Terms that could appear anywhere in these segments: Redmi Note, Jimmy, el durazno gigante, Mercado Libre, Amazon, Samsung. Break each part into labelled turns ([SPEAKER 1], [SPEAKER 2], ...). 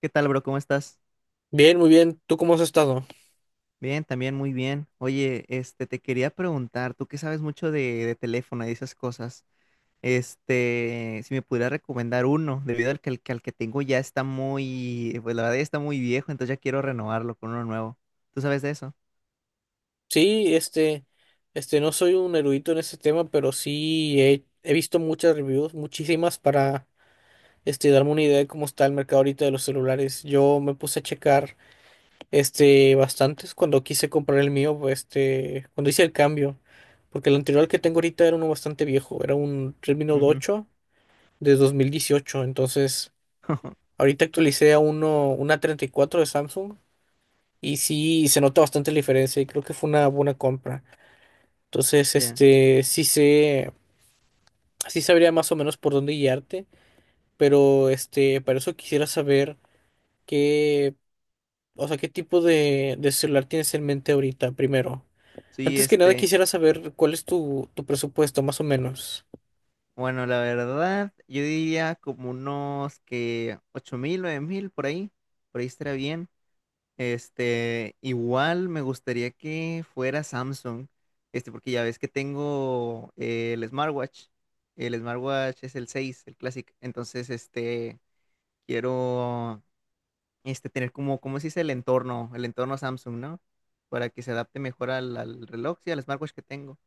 [SPEAKER 1] ¿Qué tal, bro? ¿Cómo estás?
[SPEAKER 2] Bien, muy bien. ¿Tú cómo has estado?
[SPEAKER 1] Bien, también muy bien. Oye, te quería preguntar, tú que sabes mucho de teléfono y de esas cosas, si me pudieras recomendar uno, debido al que tengo ya está muy, pues la verdad ya está muy viejo, entonces ya quiero renovarlo con uno nuevo. ¿Tú sabes de eso?
[SPEAKER 2] Sí, no soy un erudito en este tema, pero sí he visto muchas reviews, muchísimas, para darme una idea de cómo está el mercado ahorita de los celulares. Yo me puse a checar bastantes cuando quise comprar el mío, pues, cuando hice el cambio, porque el anterior que tengo ahorita era uno bastante viejo, era un Redmi Note
[SPEAKER 1] Ujú.
[SPEAKER 2] 8 de 2018. Entonces ahorita actualicé a una 34 de Samsung. Y sí, se nota bastante la diferencia y creo que fue una buena compra. Entonces,
[SPEAKER 1] Ya.
[SPEAKER 2] sí sé, sí sabría más o menos por dónde guiarte, pero para eso quisiera saber qué, o sea, qué tipo de celular tienes en mente ahorita, primero.
[SPEAKER 1] Sí,
[SPEAKER 2] Antes que nada quisiera saber cuál es tu presupuesto, más o menos.
[SPEAKER 1] bueno, la verdad, yo diría como unos que 8,000, 9,000, por ahí estaría bien. Igual me gustaría que fuera Samsung, porque ya ves que tengo el smartwatch. El smartwatch es el seis, el Classic. Entonces, quiero, tener como, ¿cómo se dice? El entorno Samsung, ¿no? Para que se adapte mejor al reloj, sí, al smartwatch que tengo.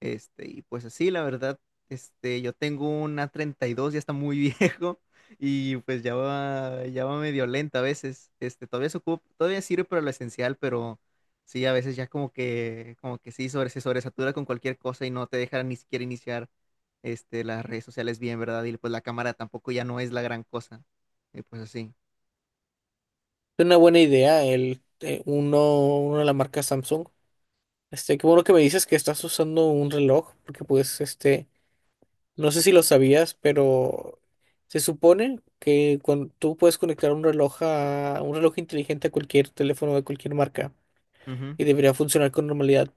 [SPEAKER 1] Y pues así, la verdad, yo tengo una 32, ya está muy viejo y pues ya va medio lenta a veces. Todavía se ocupa, todavía sirve para lo esencial, pero sí, a veces ya como que sí, se sobresatura con cualquier cosa y no te deja ni siquiera iniciar, las redes sociales bien, ¿verdad? Y pues la cámara tampoco ya no es la gran cosa. Y pues así.
[SPEAKER 2] Es una buena idea el uno de la marca Samsung. Qué bueno que me dices que estás usando un reloj, porque pues no sé si lo sabías, pero se supone que cuando tú puedes conectar un reloj a un reloj inteligente a cualquier teléfono de cualquier marca
[SPEAKER 1] Ujú.
[SPEAKER 2] y debería funcionar con normalidad,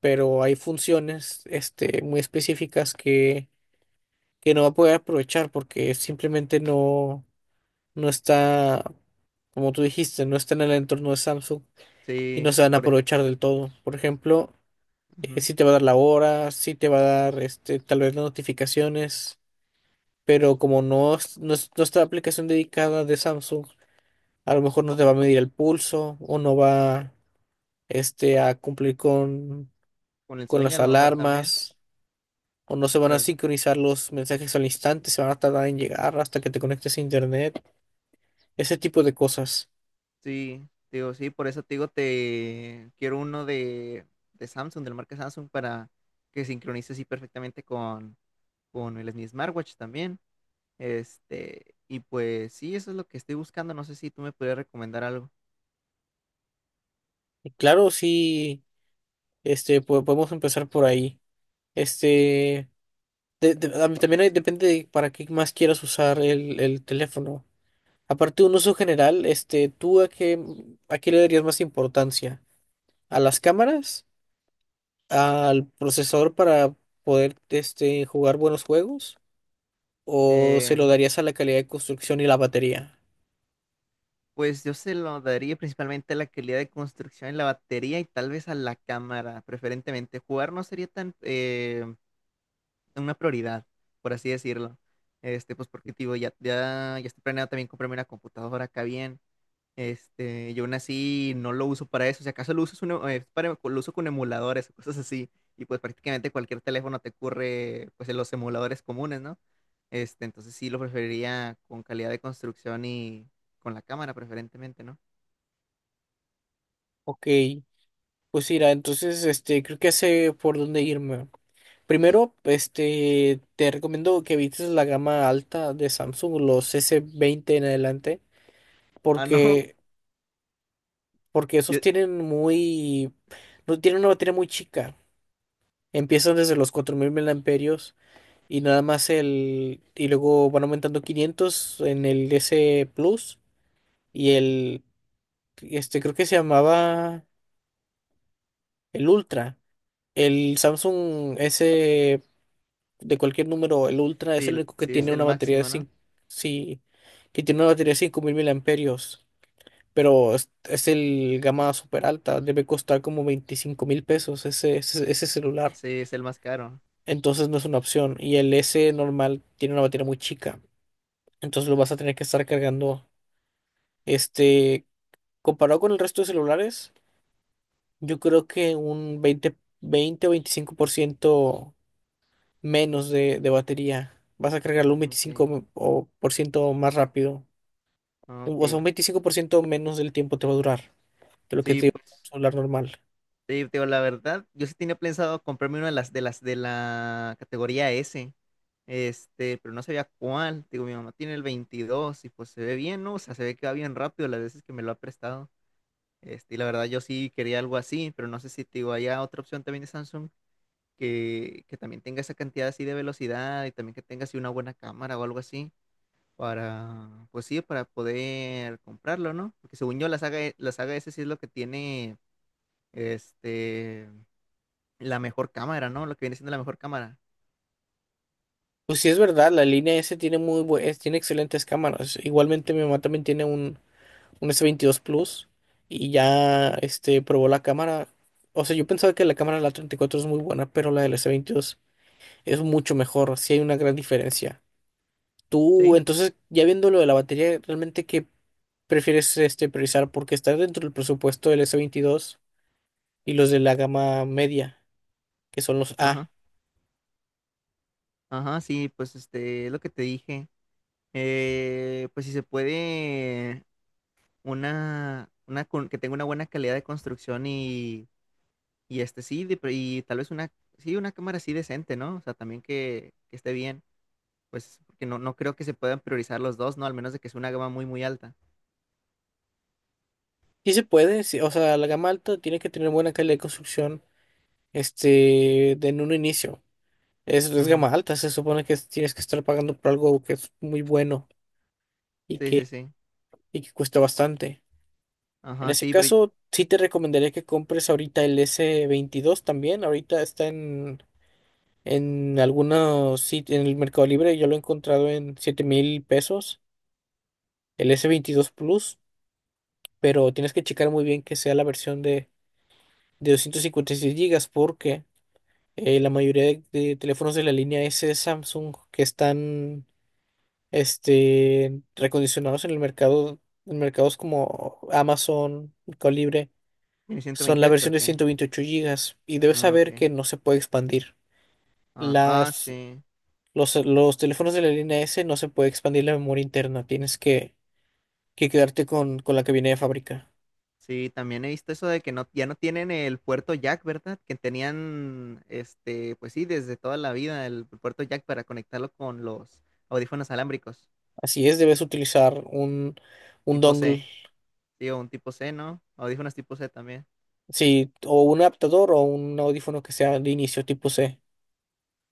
[SPEAKER 2] pero hay funciones muy específicas que no va a poder aprovechar porque simplemente no está, como tú dijiste, no está en el entorno de Samsung y no
[SPEAKER 1] Sí,
[SPEAKER 2] se van a aprovechar del todo. Por ejemplo,
[SPEAKER 1] ujú.
[SPEAKER 2] si te va a dar la hora, si te va a dar tal vez las notificaciones. Pero como no está la aplicación dedicada de Samsung, a lo mejor no te va a medir el pulso o no va a cumplir con,
[SPEAKER 1] Con el sueño
[SPEAKER 2] las
[SPEAKER 1] a lo mejor también.
[SPEAKER 2] alarmas o no se van a
[SPEAKER 1] la-
[SPEAKER 2] sincronizar los mensajes al instante, se van a tardar en llegar hasta que te conectes a internet, ese tipo de cosas.
[SPEAKER 1] Sí, digo, sí, por eso te digo, te quiero uno de Samsung, de la marca Samsung, para que sincronice así perfectamente con el, mi smartwatch también. Y pues sí, eso es lo que estoy buscando. No sé si tú me podrías recomendar algo.
[SPEAKER 2] Y claro, sí, podemos empezar por ahí. Este, a mí también depende de para qué más quieras usar el teléfono. Aparte de un uso general, ¿tú a qué, le darías más importancia? ¿A las cámaras? ¿Al procesador para poder, jugar buenos juegos? ¿O se
[SPEAKER 1] Eh,
[SPEAKER 2] lo darías a la calidad de construcción y la batería?
[SPEAKER 1] pues yo se lo daría principalmente a la calidad de construcción en la batería y tal vez a la cámara, preferentemente. Jugar no sería tan una prioridad, por así decirlo. Pues porque te digo, ya, ya, ya estoy planeado también comprarme una computadora acá bien. Yo aún así no lo uso para eso. Si acaso lo uso, es para, lo uso con emuladores o cosas así. Y pues prácticamente cualquier teléfono te ocurre pues en los emuladores comunes, ¿no? Entonces sí lo preferiría con calidad de construcción y con la cámara preferentemente, ¿no?
[SPEAKER 2] Ok, pues mira, entonces creo que sé por dónde irme. Primero, te recomiendo que evites la gama alta de Samsung, los S20 en adelante,
[SPEAKER 1] Ah, no.
[SPEAKER 2] porque porque esos
[SPEAKER 1] Ye-
[SPEAKER 2] tienen muy no tienen una batería muy chica. Empiezan desde los 4000 miliamperios y nada más el. Y luego van aumentando 500 en el S Plus y el. Creo que se llamaba el Ultra. El Samsung S de cualquier número, el Ultra es el
[SPEAKER 1] Sí,
[SPEAKER 2] único que
[SPEAKER 1] sí es
[SPEAKER 2] tiene
[SPEAKER 1] el
[SPEAKER 2] una batería de
[SPEAKER 1] máximo, ¿no?
[SPEAKER 2] cinco. Sí, que tiene una batería de 5000 miliamperios. Pero es el gama super alta. Debe costar como 25,000 pesos ese celular.
[SPEAKER 1] Sí, es el más caro.
[SPEAKER 2] Entonces no es una opción. Y el S normal tiene una batería muy chica. Entonces lo vas a tener que estar cargando. Este, Comparado con el resto de celulares, yo creo que un 20 20 o 25% menos de batería. Vas a
[SPEAKER 1] Ah,
[SPEAKER 2] cargarlo un
[SPEAKER 1] ok,
[SPEAKER 2] 25% o por ciento más rápido.
[SPEAKER 1] ah,
[SPEAKER 2] O sea, un
[SPEAKER 1] ok.
[SPEAKER 2] 25% menos del tiempo te va a durar que lo que
[SPEAKER 1] Sí,
[SPEAKER 2] te un
[SPEAKER 1] pues.
[SPEAKER 2] celular normal.
[SPEAKER 1] Sí, te digo, la verdad, yo sí tenía pensado comprarme una de las de la categoría S, pero no sabía cuál. Digo, mi mamá tiene el 22 y pues se ve bien, ¿no? O sea, se ve que va bien rápido las veces que me lo ha prestado. Y la verdad yo sí quería algo así, pero no sé si te digo, haya otra opción también de Samsung que también tenga esa cantidad así de velocidad y también que tenga así una buena cámara o algo así para, pues sí, para poder comprarlo, ¿no? Porque según yo la saga S sí es lo que tiene este la mejor cámara, ¿no? Lo que viene siendo la mejor cámara.
[SPEAKER 2] Pues sí es verdad, la línea S tiene tiene excelentes cámaras. Igualmente mi mamá también tiene un S22 Plus y ya probó la cámara. O sea, yo pensaba que la cámara de la 34 es muy buena, pero la del S22 es mucho mejor, sí hay una gran diferencia. Tú,
[SPEAKER 1] Sí,
[SPEAKER 2] entonces, ya viendo lo de la batería, ¿realmente qué prefieres priorizar? Porque está dentro del presupuesto del S22 y los de la gama media, que son los
[SPEAKER 1] ajá.
[SPEAKER 2] A.
[SPEAKER 1] Ajá, sí, pues es lo que te dije. Pues si se puede, que tenga una buena calidad de construcción y este sí, y tal vez una, sí, una cámara así decente, ¿no? O sea, también que esté bien. Pues porque no, no creo que se puedan priorizar los dos, ¿no? Al menos de que sea una gama muy, muy alta.
[SPEAKER 2] Sí se puede, sí, o sea, la gama alta tiene que tener buena calidad de construcción, de en un inicio. Es
[SPEAKER 1] Ujú.
[SPEAKER 2] gama alta, se supone que tienes que estar pagando por algo que es muy bueno, y
[SPEAKER 1] Sí, sí,
[SPEAKER 2] que,
[SPEAKER 1] sí.
[SPEAKER 2] y que cuesta bastante. En
[SPEAKER 1] Ajá,
[SPEAKER 2] ese
[SPEAKER 1] sí, pero
[SPEAKER 2] caso, sí te recomendaría que compres ahorita el S22 también. Ahorita está en algunos sitios, en el Mercado Libre, yo lo he encontrado en 7,000 pesos, el S22 Plus, pero tienes que checar muy bien que sea la versión de 256 gigas, porque la mayoría de teléfonos de la línea S de Samsung que están recondicionados en el mercado, en mercados como Amazon, Mercado Libre.
[SPEAKER 1] ¿viene
[SPEAKER 2] Son la
[SPEAKER 1] 128
[SPEAKER 2] versión
[SPEAKER 1] o
[SPEAKER 2] de
[SPEAKER 1] qué?
[SPEAKER 2] 128 gigas y debes
[SPEAKER 1] Ah,
[SPEAKER 2] saber
[SPEAKER 1] ok.
[SPEAKER 2] que no se puede expandir.
[SPEAKER 1] Ah, ah,
[SPEAKER 2] Las,
[SPEAKER 1] sí.
[SPEAKER 2] los teléfonos de la línea S no se puede expandir la memoria interna, tienes que quedarte con la que viene de fábrica.
[SPEAKER 1] Sí, también he visto eso de que no, ya no tienen el puerto Jack, ¿verdad? Que tenían, pues sí, desde toda la vida el puerto Jack para conectarlo con los audífonos alámbricos,
[SPEAKER 2] Así es, debes utilizar un
[SPEAKER 1] tipo
[SPEAKER 2] dongle,
[SPEAKER 1] C, sí, o un tipo C, ¿no? Audífonos tipo C también.
[SPEAKER 2] sí, o un adaptador o un audífono que sea de inicio tipo C.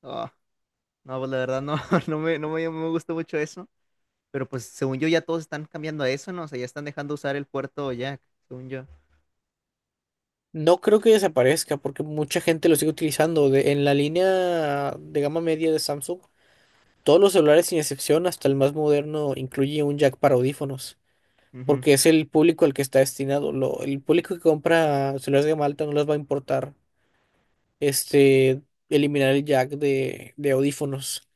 [SPEAKER 1] Oh, no, pues la verdad no, no me gustó mucho eso, pero pues según yo ya todos están cambiando a eso, ¿no? O sea, ya están dejando usar el puerto Jack, según yo.
[SPEAKER 2] No creo que desaparezca porque mucha gente lo sigue utilizando. En la línea de gama media de Samsung, todos los celulares sin excepción, hasta el más moderno, incluye un jack para audífonos,
[SPEAKER 1] Ujú,
[SPEAKER 2] porque es el público al que está destinado. El público que compra celulares de Malta no les va a importar este, eliminar el jack de audífonos,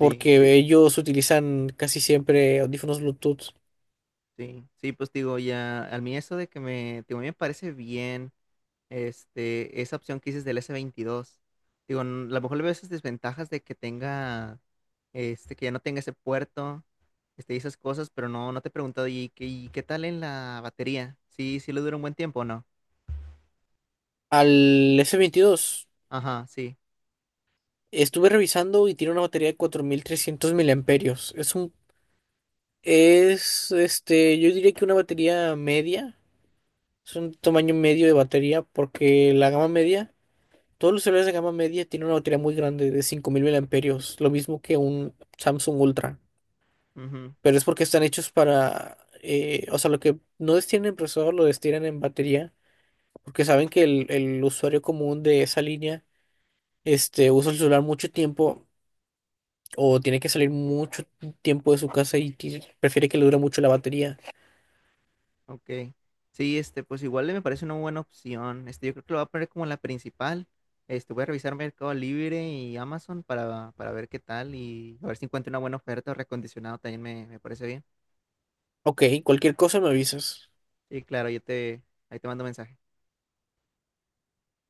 [SPEAKER 1] sí, sí,
[SPEAKER 2] ellos utilizan casi siempre audífonos Bluetooth.
[SPEAKER 1] sí, sí, pues digo, ya, a mí eso de que me, digo, a mí me parece bien. Esa opción que dices del S22. Digo, a lo mejor le veo esas desventajas de que tenga, que ya no tenga ese puerto, y esas cosas, pero no, no te he preguntado, ¿y qué tal en la batería? Sí, sí le dura un buen tiempo, o ¿no?
[SPEAKER 2] Al S22
[SPEAKER 1] Ajá, sí.
[SPEAKER 2] estuve revisando y tiene una batería de 4300 miliamperios. Es, yo diría que una batería media, es un tamaño medio de batería, porque la gama media. Todos los celulares de gama media tienen una batería muy grande de 5000 miliamperios, lo mismo que un Samsung Ultra,
[SPEAKER 1] Ujú,
[SPEAKER 2] pero es porque están hechos para, o sea, lo que no destinan en procesador lo destinan en batería, porque saben que el usuario común de esa línea, usa el celular mucho tiempo o tiene que salir mucho tiempo de su casa y prefiere que le dure mucho la batería.
[SPEAKER 1] ok. Sí, pues igual me parece una buena opción. Yo creo que lo voy a poner como la principal. Voy a revisar Mercado Libre y Amazon para ver qué tal y a ver si encuentro una buena oferta o recondicionado también me parece bien.
[SPEAKER 2] Ok, cualquier cosa me avisas.
[SPEAKER 1] Y claro, ahí te mando mensaje.